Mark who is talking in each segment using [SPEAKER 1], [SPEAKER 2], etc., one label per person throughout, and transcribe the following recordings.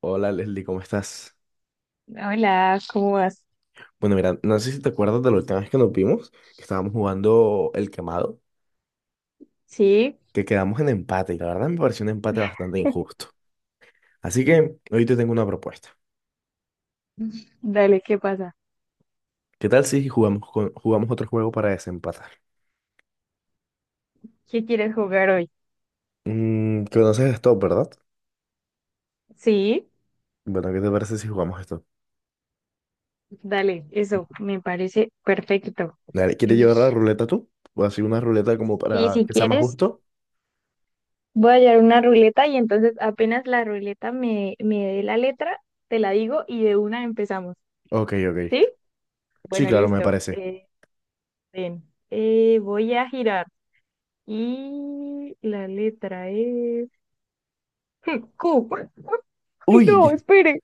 [SPEAKER 1] Hola Leslie, ¿cómo estás?
[SPEAKER 2] Hola, ¿cómo vas?
[SPEAKER 1] Bueno, mira, no sé si te acuerdas de la última vez que nos vimos, que estábamos jugando el quemado,
[SPEAKER 2] Sí,
[SPEAKER 1] que quedamos en empate y la verdad me pareció un empate bastante injusto. Así que hoy te tengo una propuesta.
[SPEAKER 2] dale, ¿qué pasa?
[SPEAKER 1] ¿Qué tal si jugamos, jugamos otro juego para desempatar?
[SPEAKER 2] ¿Qué quieres jugar hoy?
[SPEAKER 1] Conoces esto, ¿verdad?
[SPEAKER 2] Sí,
[SPEAKER 1] Bueno, ¿qué te parece si jugamos esto?
[SPEAKER 2] dale, eso me parece perfecto.
[SPEAKER 1] Dale, ¿quieres
[SPEAKER 2] Em,
[SPEAKER 1] llevar la ruleta tú? ¿O así una ruleta como
[SPEAKER 2] Sí,
[SPEAKER 1] para
[SPEAKER 2] si
[SPEAKER 1] que sea más
[SPEAKER 2] quieres,
[SPEAKER 1] justo?
[SPEAKER 2] voy a hallar una ruleta y entonces apenas la ruleta me dé la letra, te la digo y de una empezamos.
[SPEAKER 1] Ok, ok.
[SPEAKER 2] ¿Sí?
[SPEAKER 1] Sí,
[SPEAKER 2] Bueno,
[SPEAKER 1] claro, me
[SPEAKER 2] listo.
[SPEAKER 1] parece.
[SPEAKER 2] Bien. Voy a girar y la letra es Q. Ay, no,
[SPEAKER 1] Uy,
[SPEAKER 2] espere.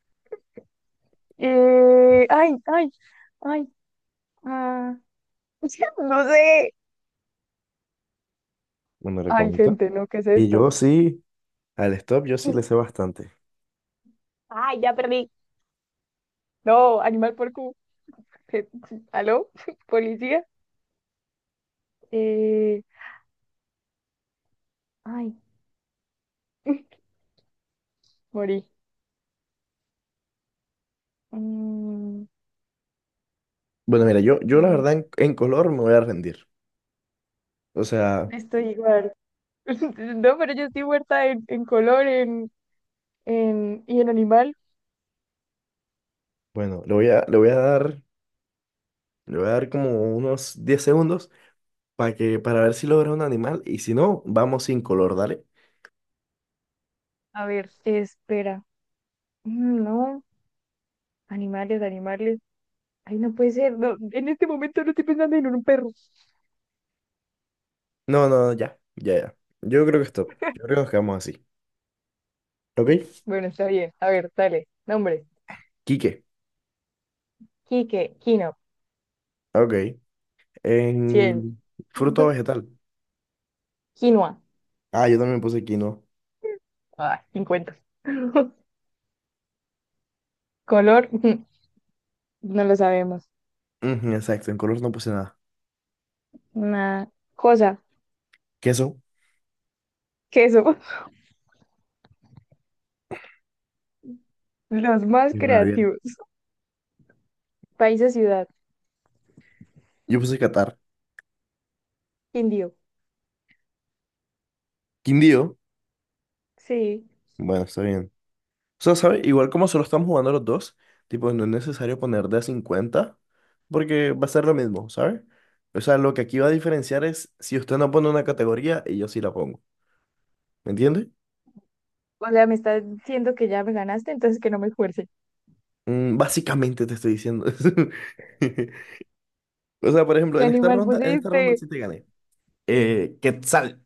[SPEAKER 2] Ay, ay, ay. Ah, no sé.
[SPEAKER 1] bueno,
[SPEAKER 2] Ay,
[SPEAKER 1] recomiendo.
[SPEAKER 2] gente, no, ¿qué es
[SPEAKER 1] Y
[SPEAKER 2] esto?
[SPEAKER 1] yo sí, al stop yo sí le sé bastante.
[SPEAKER 2] Ay, ya perdí. No, animal por Q. Je- ¿Aló? ¿Policía? Eh, ay, morí. Mm,
[SPEAKER 1] Bueno, mira, yo la
[SPEAKER 2] eh,
[SPEAKER 1] verdad en color me voy a rendir. O sea,
[SPEAKER 2] estoy igual. No, pero yo estoy muerta en, color, y en animal.
[SPEAKER 1] bueno, le voy a dar, le voy a dar como unos 10 segundos para ver si logra un animal y si no, vamos sin color, dale.
[SPEAKER 2] A ver, espera. No, animales, animales. Ay, no puede ser. No, en este momento no estoy pensando en un perro.
[SPEAKER 1] No, no, ya, ya, ya. Yo creo que nos quedamos así. ¿Ok?
[SPEAKER 2] Bueno, está bien. A ver, dale. Nombre.
[SPEAKER 1] Quique,
[SPEAKER 2] Quique, Kino.
[SPEAKER 1] ok.
[SPEAKER 2] 100.
[SPEAKER 1] En fruto o vegetal.
[SPEAKER 2] Quinoa,
[SPEAKER 1] Ah, yo también puse quinoa.
[SPEAKER 2] ay, 50. Color, ujú. No lo sabemos.
[SPEAKER 1] Ujú, exacto, en color no puse nada.
[SPEAKER 2] Una cosa,
[SPEAKER 1] Queso.
[SPEAKER 2] queso. Los más
[SPEAKER 1] Qué rabia.
[SPEAKER 2] creativos. País o ciudad,
[SPEAKER 1] Yo puse catar.
[SPEAKER 2] indio.
[SPEAKER 1] Quindío.
[SPEAKER 2] Sí.
[SPEAKER 1] Bueno, está bien. O sea, ¿sabes? Igual como solo estamos jugando los dos, tipo, no es necesario poner de a 50, porque va a ser lo mismo, ¿sabes? O sea, lo que aquí va a diferenciar es si usted no pone una categoría y yo sí la pongo. ¿Me entiendes?
[SPEAKER 2] O sea, me está diciendo que ya me ganaste, entonces que no me esfuerce.
[SPEAKER 1] Básicamente te estoy diciendo eso. O sea, por ejemplo,
[SPEAKER 2] ¿Qué animal
[SPEAKER 1] en esta ronda
[SPEAKER 2] pusiste?
[SPEAKER 1] sí te gané. Quetzal.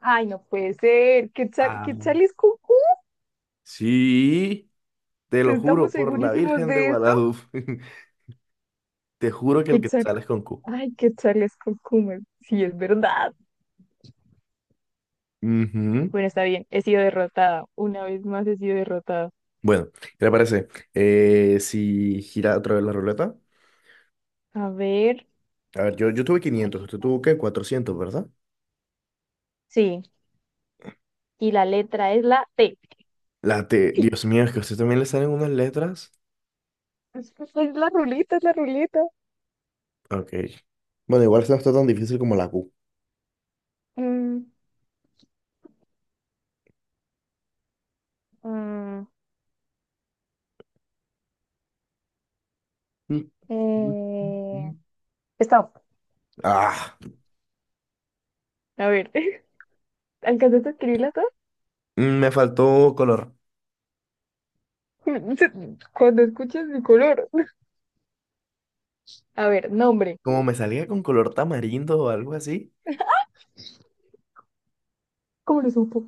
[SPEAKER 2] Ay, no puede ser. Quetzal,
[SPEAKER 1] Ah,
[SPEAKER 2] Quetzal es cucú.
[SPEAKER 1] Sí, te lo juro
[SPEAKER 2] ¿Estamos
[SPEAKER 1] por la
[SPEAKER 2] segurísimos
[SPEAKER 1] Virgen de
[SPEAKER 2] de esto?
[SPEAKER 1] Guadalupe. Te juro que el
[SPEAKER 2] Quetzal.
[SPEAKER 1] Quetzal es con Q.
[SPEAKER 2] Ay, Quetzal es cucú. Sí, es verdad.
[SPEAKER 1] Ujú.
[SPEAKER 2] Bueno, está bien. He sido derrotada. Una vez más he sido derrotada.
[SPEAKER 1] Bueno, ¿qué te parece? Si gira otra vez la ruleta.
[SPEAKER 2] A ver,
[SPEAKER 1] A ver, yo tuve 500,
[SPEAKER 2] ahí
[SPEAKER 1] usted tuvo qué, 400, ¿verdad?
[SPEAKER 2] sí. Y la letra es la T.
[SPEAKER 1] La T, Dios mío, es que a usted también le salen unas letras.
[SPEAKER 2] Es la ruleta, es la ruleta.
[SPEAKER 1] Ok. Bueno, igual esta no está tan difícil como la Q.
[SPEAKER 2] Mm, mm,
[SPEAKER 1] Mm, mm,
[SPEAKER 2] eh,
[SPEAKER 1] mm.
[SPEAKER 2] stop.
[SPEAKER 1] Ah,
[SPEAKER 2] A ver, ¿alcanzaste a escribirla todas?
[SPEAKER 1] me faltó color.
[SPEAKER 2] Cuando escuches mi color. A ver, nombre.
[SPEAKER 1] Como me salía con color tamarindo o algo así.
[SPEAKER 2] ¿Cómo lo supo?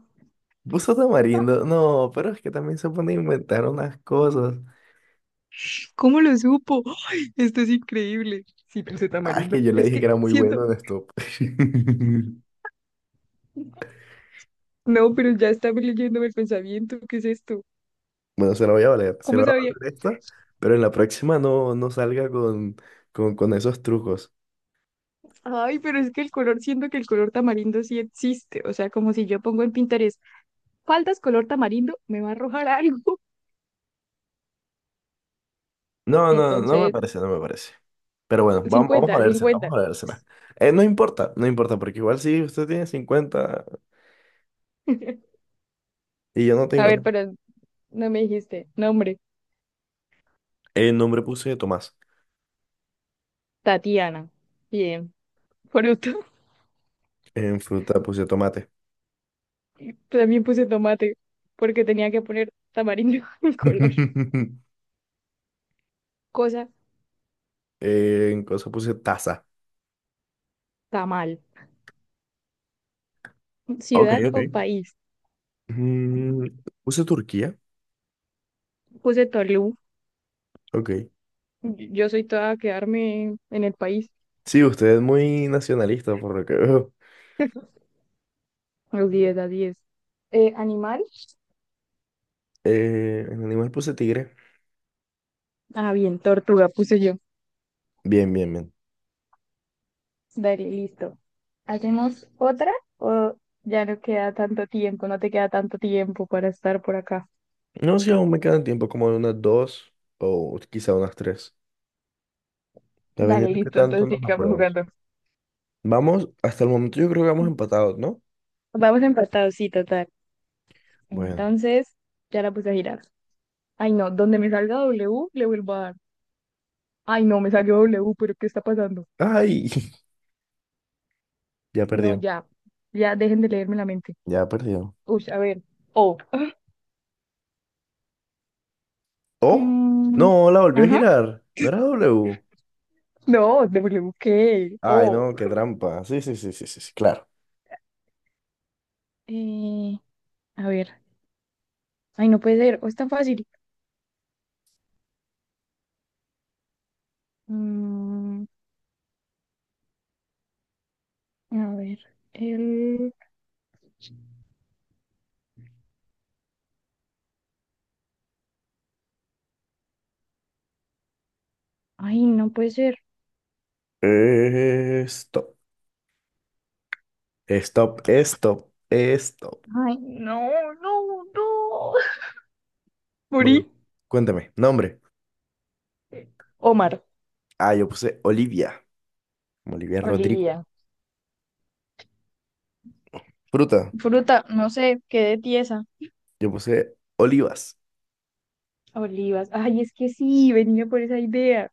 [SPEAKER 1] Puso tamarindo. No, pero es que también se pone a inventar unas cosas.
[SPEAKER 2] ¿Cómo lo supo? ¡Ay! Esto es increíble. Sí, puse
[SPEAKER 1] Ah, es
[SPEAKER 2] tamarindo.
[SPEAKER 1] que yo le
[SPEAKER 2] Es
[SPEAKER 1] dije que
[SPEAKER 2] que
[SPEAKER 1] era muy
[SPEAKER 2] siento.
[SPEAKER 1] bueno en esto.
[SPEAKER 2] No, pero ya estaba leyéndome el pensamiento. ¿Qué es esto?
[SPEAKER 1] Bueno, se la voy a valer, se
[SPEAKER 2] ¿Cómo
[SPEAKER 1] la voy a
[SPEAKER 2] sabía?
[SPEAKER 1] valer esta, pero en la próxima no, no salga con esos trucos.
[SPEAKER 2] Ay, pero es que el color, siento que el color tamarindo sí existe. O sea, como si yo pongo en Pinterest faldas color tamarindo, me va a arrojar algo.
[SPEAKER 1] No, no, no me
[SPEAKER 2] Entonces,
[SPEAKER 1] parece, no me parece. Pero bueno, vamos a
[SPEAKER 2] cincuenta
[SPEAKER 1] vérsela, vamos
[SPEAKER 2] cincuenta
[SPEAKER 1] a vérsela. No importa, no importa, porque igual si usted tiene 50 y yo no
[SPEAKER 2] A
[SPEAKER 1] tengo
[SPEAKER 2] ver,
[SPEAKER 1] nada.
[SPEAKER 2] pero no me dijiste. Nombre,
[SPEAKER 1] En nombre puse Tomás,
[SPEAKER 2] Tatiana. Bien. Fruto.
[SPEAKER 1] en fruta puse tomate,
[SPEAKER 2] También puse tomate, porque tenía que poner tamarindo en color. Cosa,
[SPEAKER 1] en cosa puse taza.
[SPEAKER 2] tamal.
[SPEAKER 1] Ok,
[SPEAKER 2] Ciudad o
[SPEAKER 1] ok.
[SPEAKER 2] país.
[SPEAKER 1] Mm, puse Turquía.
[SPEAKER 2] Puse Tolú.
[SPEAKER 1] Ok.
[SPEAKER 2] Yo soy toda a quedarme en el país.
[SPEAKER 1] Sí, usted es muy nacionalista por lo que veo.
[SPEAKER 2] Los 10-10. Animal,
[SPEAKER 1] En animal puse tigre.
[SPEAKER 2] ah, bien, tortuga puse yo.
[SPEAKER 1] Bien, bien, bien.
[SPEAKER 2] Dale, listo. ¿Hacemos otra o ya no queda tanto tiempo? No te queda tanto tiempo para estar por acá.
[SPEAKER 1] No, si aún me quedan tiempo como de unas dos o quizá unas tres. Ya
[SPEAKER 2] Dale,
[SPEAKER 1] vendiendo qué
[SPEAKER 2] listo,
[SPEAKER 1] tanto
[SPEAKER 2] entonces
[SPEAKER 1] nos
[SPEAKER 2] sigamos
[SPEAKER 1] apruebas.
[SPEAKER 2] jugando.
[SPEAKER 1] Vamos, hasta el momento yo creo que vamos empatados, ¿no?
[SPEAKER 2] Vamos empatados, sí, total.
[SPEAKER 1] Bueno.
[SPEAKER 2] Entonces, ya la puse a girar. Ay, no, donde me salga W, le vuelvo a dar. Ay, no, me salió W, pero ¿qué está pasando?
[SPEAKER 1] Ay, ya
[SPEAKER 2] No,
[SPEAKER 1] perdió,
[SPEAKER 2] ya, ya dejen de leerme la mente.
[SPEAKER 1] ya perdió.
[SPEAKER 2] Uy, a ver, O.
[SPEAKER 1] Oh, no,
[SPEAKER 2] Mm,
[SPEAKER 1] la volvió a
[SPEAKER 2] ajá,
[SPEAKER 1] girar. No era W.
[SPEAKER 2] no, W, ¿qué?
[SPEAKER 1] Ay,
[SPEAKER 2] O.
[SPEAKER 1] no, qué trampa. Sí, sí, sí, sí, sí, sí, claro.
[SPEAKER 2] Eh, a ver. Ay, no puede ser. O es tan fácil. Mm, a ver. El. Ay, no puede ser.
[SPEAKER 1] Stop, stop, stop, stop.
[SPEAKER 2] Ay, no, no, no. Morí.
[SPEAKER 1] Bueno, cuéntame, nombre.
[SPEAKER 2] Omar.
[SPEAKER 1] Ah, yo puse Olivia, Olivia Rodrigo.
[SPEAKER 2] Olivia.
[SPEAKER 1] Fruta,
[SPEAKER 2] Fruta, no sé, quedé tiesa.
[SPEAKER 1] yo puse olivas.
[SPEAKER 2] Olivas. Ay, es que sí, venía por esa idea.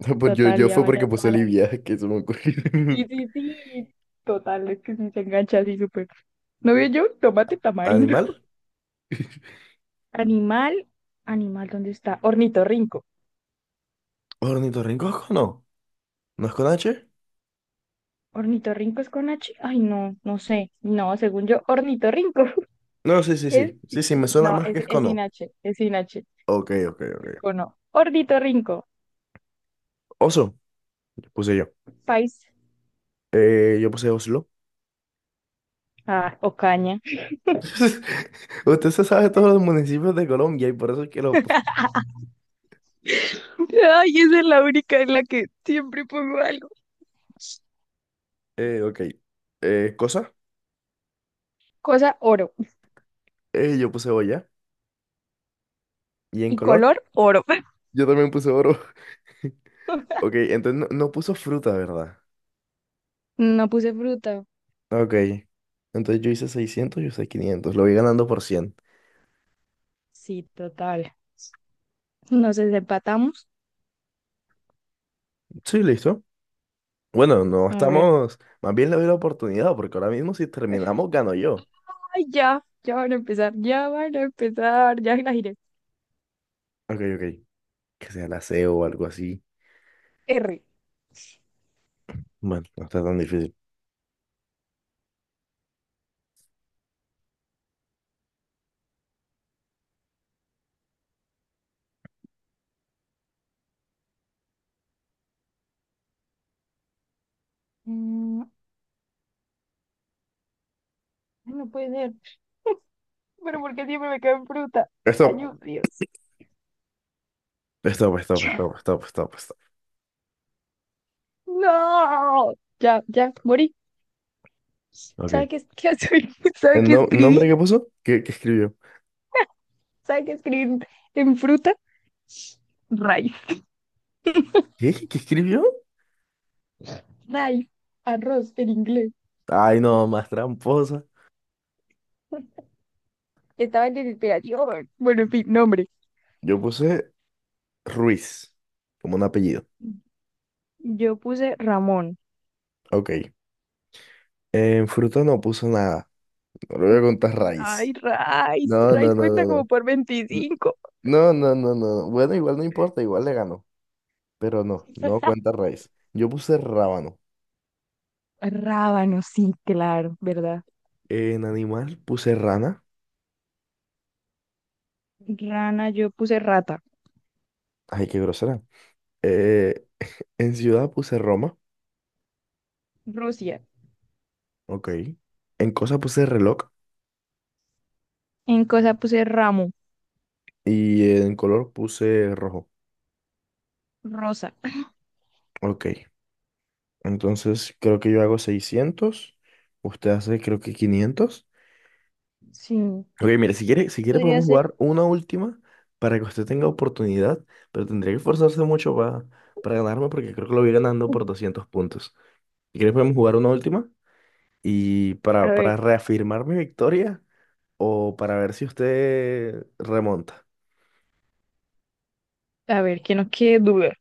[SPEAKER 1] Pues yo,
[SPEAKER 2] Total,
[SPEAKER 1] yo
[SPEAKER 2] ya
[SPEAKER 1] fue porque
[SPEAKER 2] vaya
[SPEAKER 1] puse
[SPEAKER 2] toda la línea.
[SPEAKER 1] Olivia, que se me ocurrió.
[SPEAKER 2] Sí, sí, sí. Total, es que sí se engancha así súper. ¿No veo yo? Tomate tamarindo.
[SPEAKER 1] ¿Animal?
[SPEAKER 2] Animal, animal, ¿dónde está? Ornitorrinco.
[SPEAKER 1] ¿Ornitorrinco es con O? ¿No es con H?
[SPEAKER 2] Ornitorrinco es con H. Ay, no, no sé. No, según yo, ornitorrinco.
[SPEAKER 1] No, sí, sí,
[SPEAKER 2] Es,
[SPEAKER 1] sí. Sí, sí, me suena
[SPEAKER 2] no,
[SPEAKER 1] más
[SPEAKER 2] es,
[SPEAKER 1] que es
[SPEAKER 2] es
[SPEAKER 1] con
[SPEAKER 2] sin
[SPEAKER 1] O.
[SPEAKER 2] H, es sin H.
[SPEAKER 1] Ok, ok, ok.
[SPEAKER 2] Es con O. Ornitorrinco.
[SPEAKER 1] Oso, puse yo.
[SPEAKER 2] País.
[SPEAKER 1] Yo puse Oslo.
[SPEAKER 2] Ah, o caña.
[SPEAKER 1] Usted se sabe todos los municipios de Colombia y por eso es que lo.
[SPEAKER 2] Ay, esa es la única en la que siempre pongo algo.
[SPEAKER 1] Ok. Cosa,
[SPEAKER 2] Cosa oro.
[SPEAKER 1] yo puse olla. ¿Y en
[SPEAKER 2] Y
[SPEAKER 1] color?
[SPEAKER 2] color oro.
[SPEAKER 1] Yo también puse oro. Ok, entonces no, no puso fruta, ¿verdad?
[SPEAKER 2] No puse fruta.
[SPEAKER 1] Ok. Entonces yo hice 600, yo hice 500. Lo voy ganando por 100.
[SPEAKER 2] Sí, total. Nos desempatamos.
[SPEAKER 1] Sí, listo. Bueno, no
[SPEAKER 2] A ver.
[SPEAKER 1] estamos, más bien le doy la oportunidad, porque ahora mismo si terminamos, gano yo.
[SPEAKER 2] Ay, ya. Ya van a empezar. Ya van a empezar. Ya la giré.
[SPEAKER 1] Ok, ok. Que sea la SEO o algo así.
[SPEAKER 2] R.
[SPEAKER 1] Bueno, no está tan difícil.
[SPEAKER 2] Mm, no puede ser. Pero ¿por qué siempre me caen fruta?
[SPEAKER 1] Stop,
[SPEAKER 2] Ayúdame, Dios.
[SPEAKER 1] stop, stop, stop, stop, stop, stop.
[SPEAKER 2] No. Ya, ya, morí.
[SPEAKER 1] Ok.
[SPEAKER 2] ¿Sabe qué, qué, soy? ¿Sabe
[SPEAKER 1] ¿El
[SPEAKER 2] qué escribí?
[SPEAKER 1] nombre que puso? ¿Qué escribió?
[SPEAKER 2] ¿Sabe qué escribí en fruta? Rice.
[SPEAKER 1] ¿Qué? ¿Qué escribió?
[SPEAKER 2] Rice. Arroz en inglés.
[SPEAKER 1] Ay, no, más tramposa.
[SPEAKER 2] Estaba en desesperación. Bueno, en fin, nombre.
[SPEAKER 1] Yo puse Ruiz, como un apellido.
[SPEAKER 2] Yo puse Ramón.
[SPEAKER 1] Ok. En fruta no puso nada. No le voy a contar
[SPEAKER 2] Ay,
[SPEAKER 1] raíz.
[SPEAKER 2] Rice.
[SPEAKER 1] No, no,
[SPEAKER 2] Rice
[SPEAKER 1] no, no,
[SPEAKER 2] cuenta como
[SPEAKER 1] no.
[SPEAKER 2] por
[SPEAKER 1] N-
[SPEAKER 2] 25.
[SPEAKER 1] No, no, no, no. No. Bueno, igual no importa, igual le ganó. Pero no, no cuenta raíz. Yo puse rábano.
[SPEAKER 2] Rábano, sí, claro, ¿verdad?
[SPEAKER 1] En animal puse rana.
[SPEAKER 2] Rana, yo puse rata.
[SPEAKER 1] Ay, qué grosera. Eh, en ciudad puse Roma.
[SPEAKER 2] Rusia.
[SPEAKER 1] Ok. En cosa puse reloj.
[SPEAKER 2] En cosa puse ramo.
[SPEAKER 1] Y en color puse rojo.
[SPEAKER 2] Rosa.
[SPEAKER 1] Ok. Entonces creo que yo hago 600, usted hace creo que 500.
[SPEAKER 2] Sí,
[SPEAKER 1] Ok, mire, si quiere,
[SPEAKER 2] podría
[SPEAKER 1] podemos
[SPEAKER 2] ser.
[SPEAKER 1] jugar una última para que usted tenga oportunidad. Pero tendría que esforzarse mucho para ganarme porque creo que lo voy ganando por 200 puntos. Si quiere podemos jugar una última. Y
[SPEAKER 2] A ver,
[SPEAKER 1] para reafirmar mi victoria o para ver si usted remonta.
[SPEAKER 2] a ver, que no quede duda.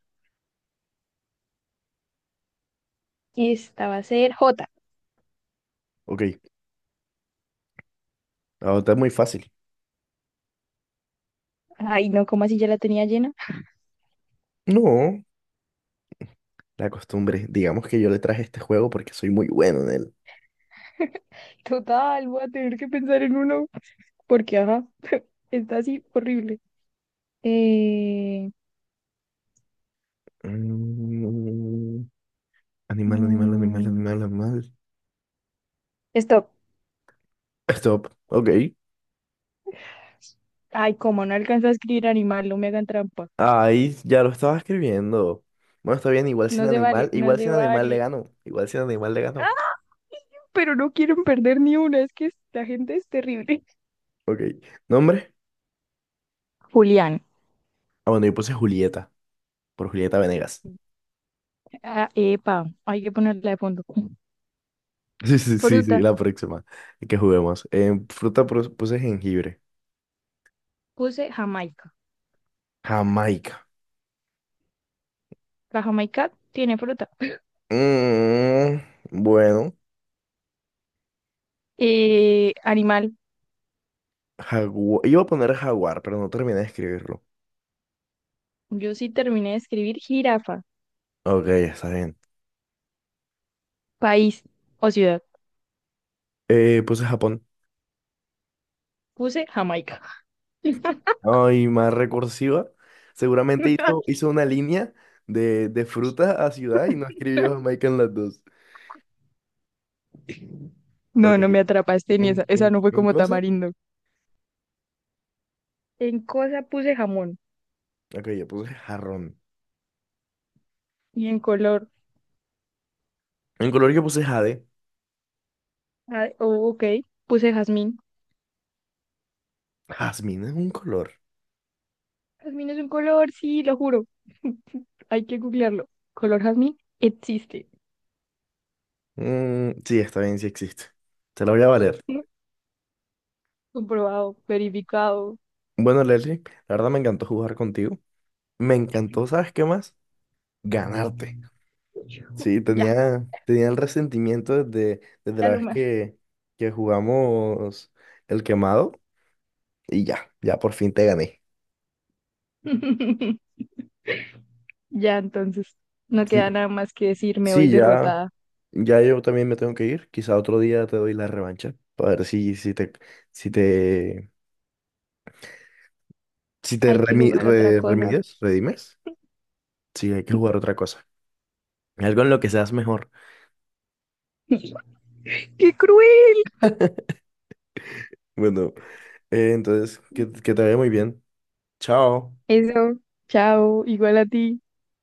[SPEAKER 2] Esta va a ser J.
[SPEAKER 1] Ok, ahorita es muy fácil.
[SPEAKER 2] Ay, no, ¿cómo así ya la tenía llena?
[SPEAKER 1] No, la costumbre. Digamos que yo le traje este juego porque soy muy bueno en él.
[SPEAKER 2] Total, voy a tener que pensar en uno. Porque, ajá, está así horrible. Eh,
[SPEAKER 1] Mm, Animal, animal, animal,
[SPEAKER 2] mm,
[SPEAKER 1] animal, animal.
[SPEAKER 2] stop.
[SPEAKER 1] Stop. Ok.
[SPEAKER 2] Ay, como no alcanzo a escribir animal, no me hagan trampa.
[SPEAKER 1] Ahí ya lo estaba escribiendo. Bueno, está bien,
[SPEAKER 2] No se vale, no
[SPEAKER 1] igual
[SPEAKER 2] se
[SPEAKER 1] sin animal le
[SPEAKER 2] vale.
[SPEAKER 1] ganó. Igual sin animal le ganó.
[SPEAKER 2] Ah, pero no quieren perder ni una. Es que la gente es terrible.
[SPEAKER 1] Ok. ¿Nombre?
[SPEAKER 2] Julián.
[SPEAKER 1] Ah, bueno, yo puse Julieta, por Julieta Venegas.
[SPEAKER 2] Ah, epa, hay que ponerla de fondo.
[SPEAKER 1] Sí, sí, sí, sí,
[SPEAKER 2] Fruta.
[SPEAKER 1] la próxima que juguemos. En fruta puse jengibre.
[SPEAKER 2] Puse Jamaica.
[SPEAKER 1] Jamaica.
[SPEAKER 2] La jamaica tiene fruta.
[SPEAKER 1] Mm, bueno,
[SPEAKER 2] Animal.
[SPEAKER 1] jaguar. Iba a poner jaguar, pero no terminé de escribirlo.
[SPEAKER 2] Yo sí terminé de escribir jirafa.
[SPEAKER 1] Ok, está bien.
[SPEAKER 2] País o ciudad.
[SPEAKER 1] Puse Japón.
[SPEAKER 2] Puse Jamaica.
[SPEAKER 1] Ay, más recursiva. Seguramente hizo una línea de fruta a ciudad y no escribió Jamaica en las dos.
[SPEAKER 2] No,
[SPEAKER 1] Ok,
[SPEAKER 2] no me atrapaste ni esa. Esa no fue
[SPEAKER 1] en
[SPEAKER 2] como
[SPEAKER 1] cosa.
[SPEAKER 2] tamarindo. En cosa puse jamón.
[SPEAKER 1] Ok, yo puse jarrón.
[SPEAKER 2] Y en color.
[SPEAKER 1] En color yo puse jade.
[SPEAKER 2] Ah, oh, ok. Puse jazmín.
[SPEAKER 1] Jazmín es un color.
[SPEAKER 2] Jazmín es un color, sí, lo juro. Hay que googlearlo. Color jazmín existe.
[SPEAKER 1] Mm, sí, está bien, sí existe. Te la voy a valer.
[SPEAKER 2] Comprobado, verificado.
[SPEAKER 1] Bueno, Leslie, la verdad me encantó jugar contigo. Me encantó, ¿sabes qué más? Ganarte. Sí,
[SPEAKER 2] Ya,
[SPEAKER 1] tenía el resentimiento desde la
[SPEAKER 2] ya no
[SPEAKER 1] vez
[SPEAKER 2] más.
[SPEAKER 1] que jugamos el quemado y ya por fin te gané.
[SPEAKER 2] Ya, entonces no queda
[SPEAKER 1] Sí,
[SPEAKER 2] nada más que decir, me voy
[SPEAKER 1] sí,
[SPEAKER 2] derrotada.
[SPEAKER 1] ya yo también me tengo que ir. Quizá otro día te doy la revancha para ver si te, si te
[SPEAKER 2] Hay que jugar otra cosa.
[SPEAKER 1] remides, redimes. Sí, hay que jugar otra cosa. Algo en lo que seas mejor.
[SPEAKER 2] ¡Qué cruel!
[SPEAKER 1] Bueno, entonces, que te vaya muy bien. Chao.
[SPEAKER 2] Eso, chao, igual a ti.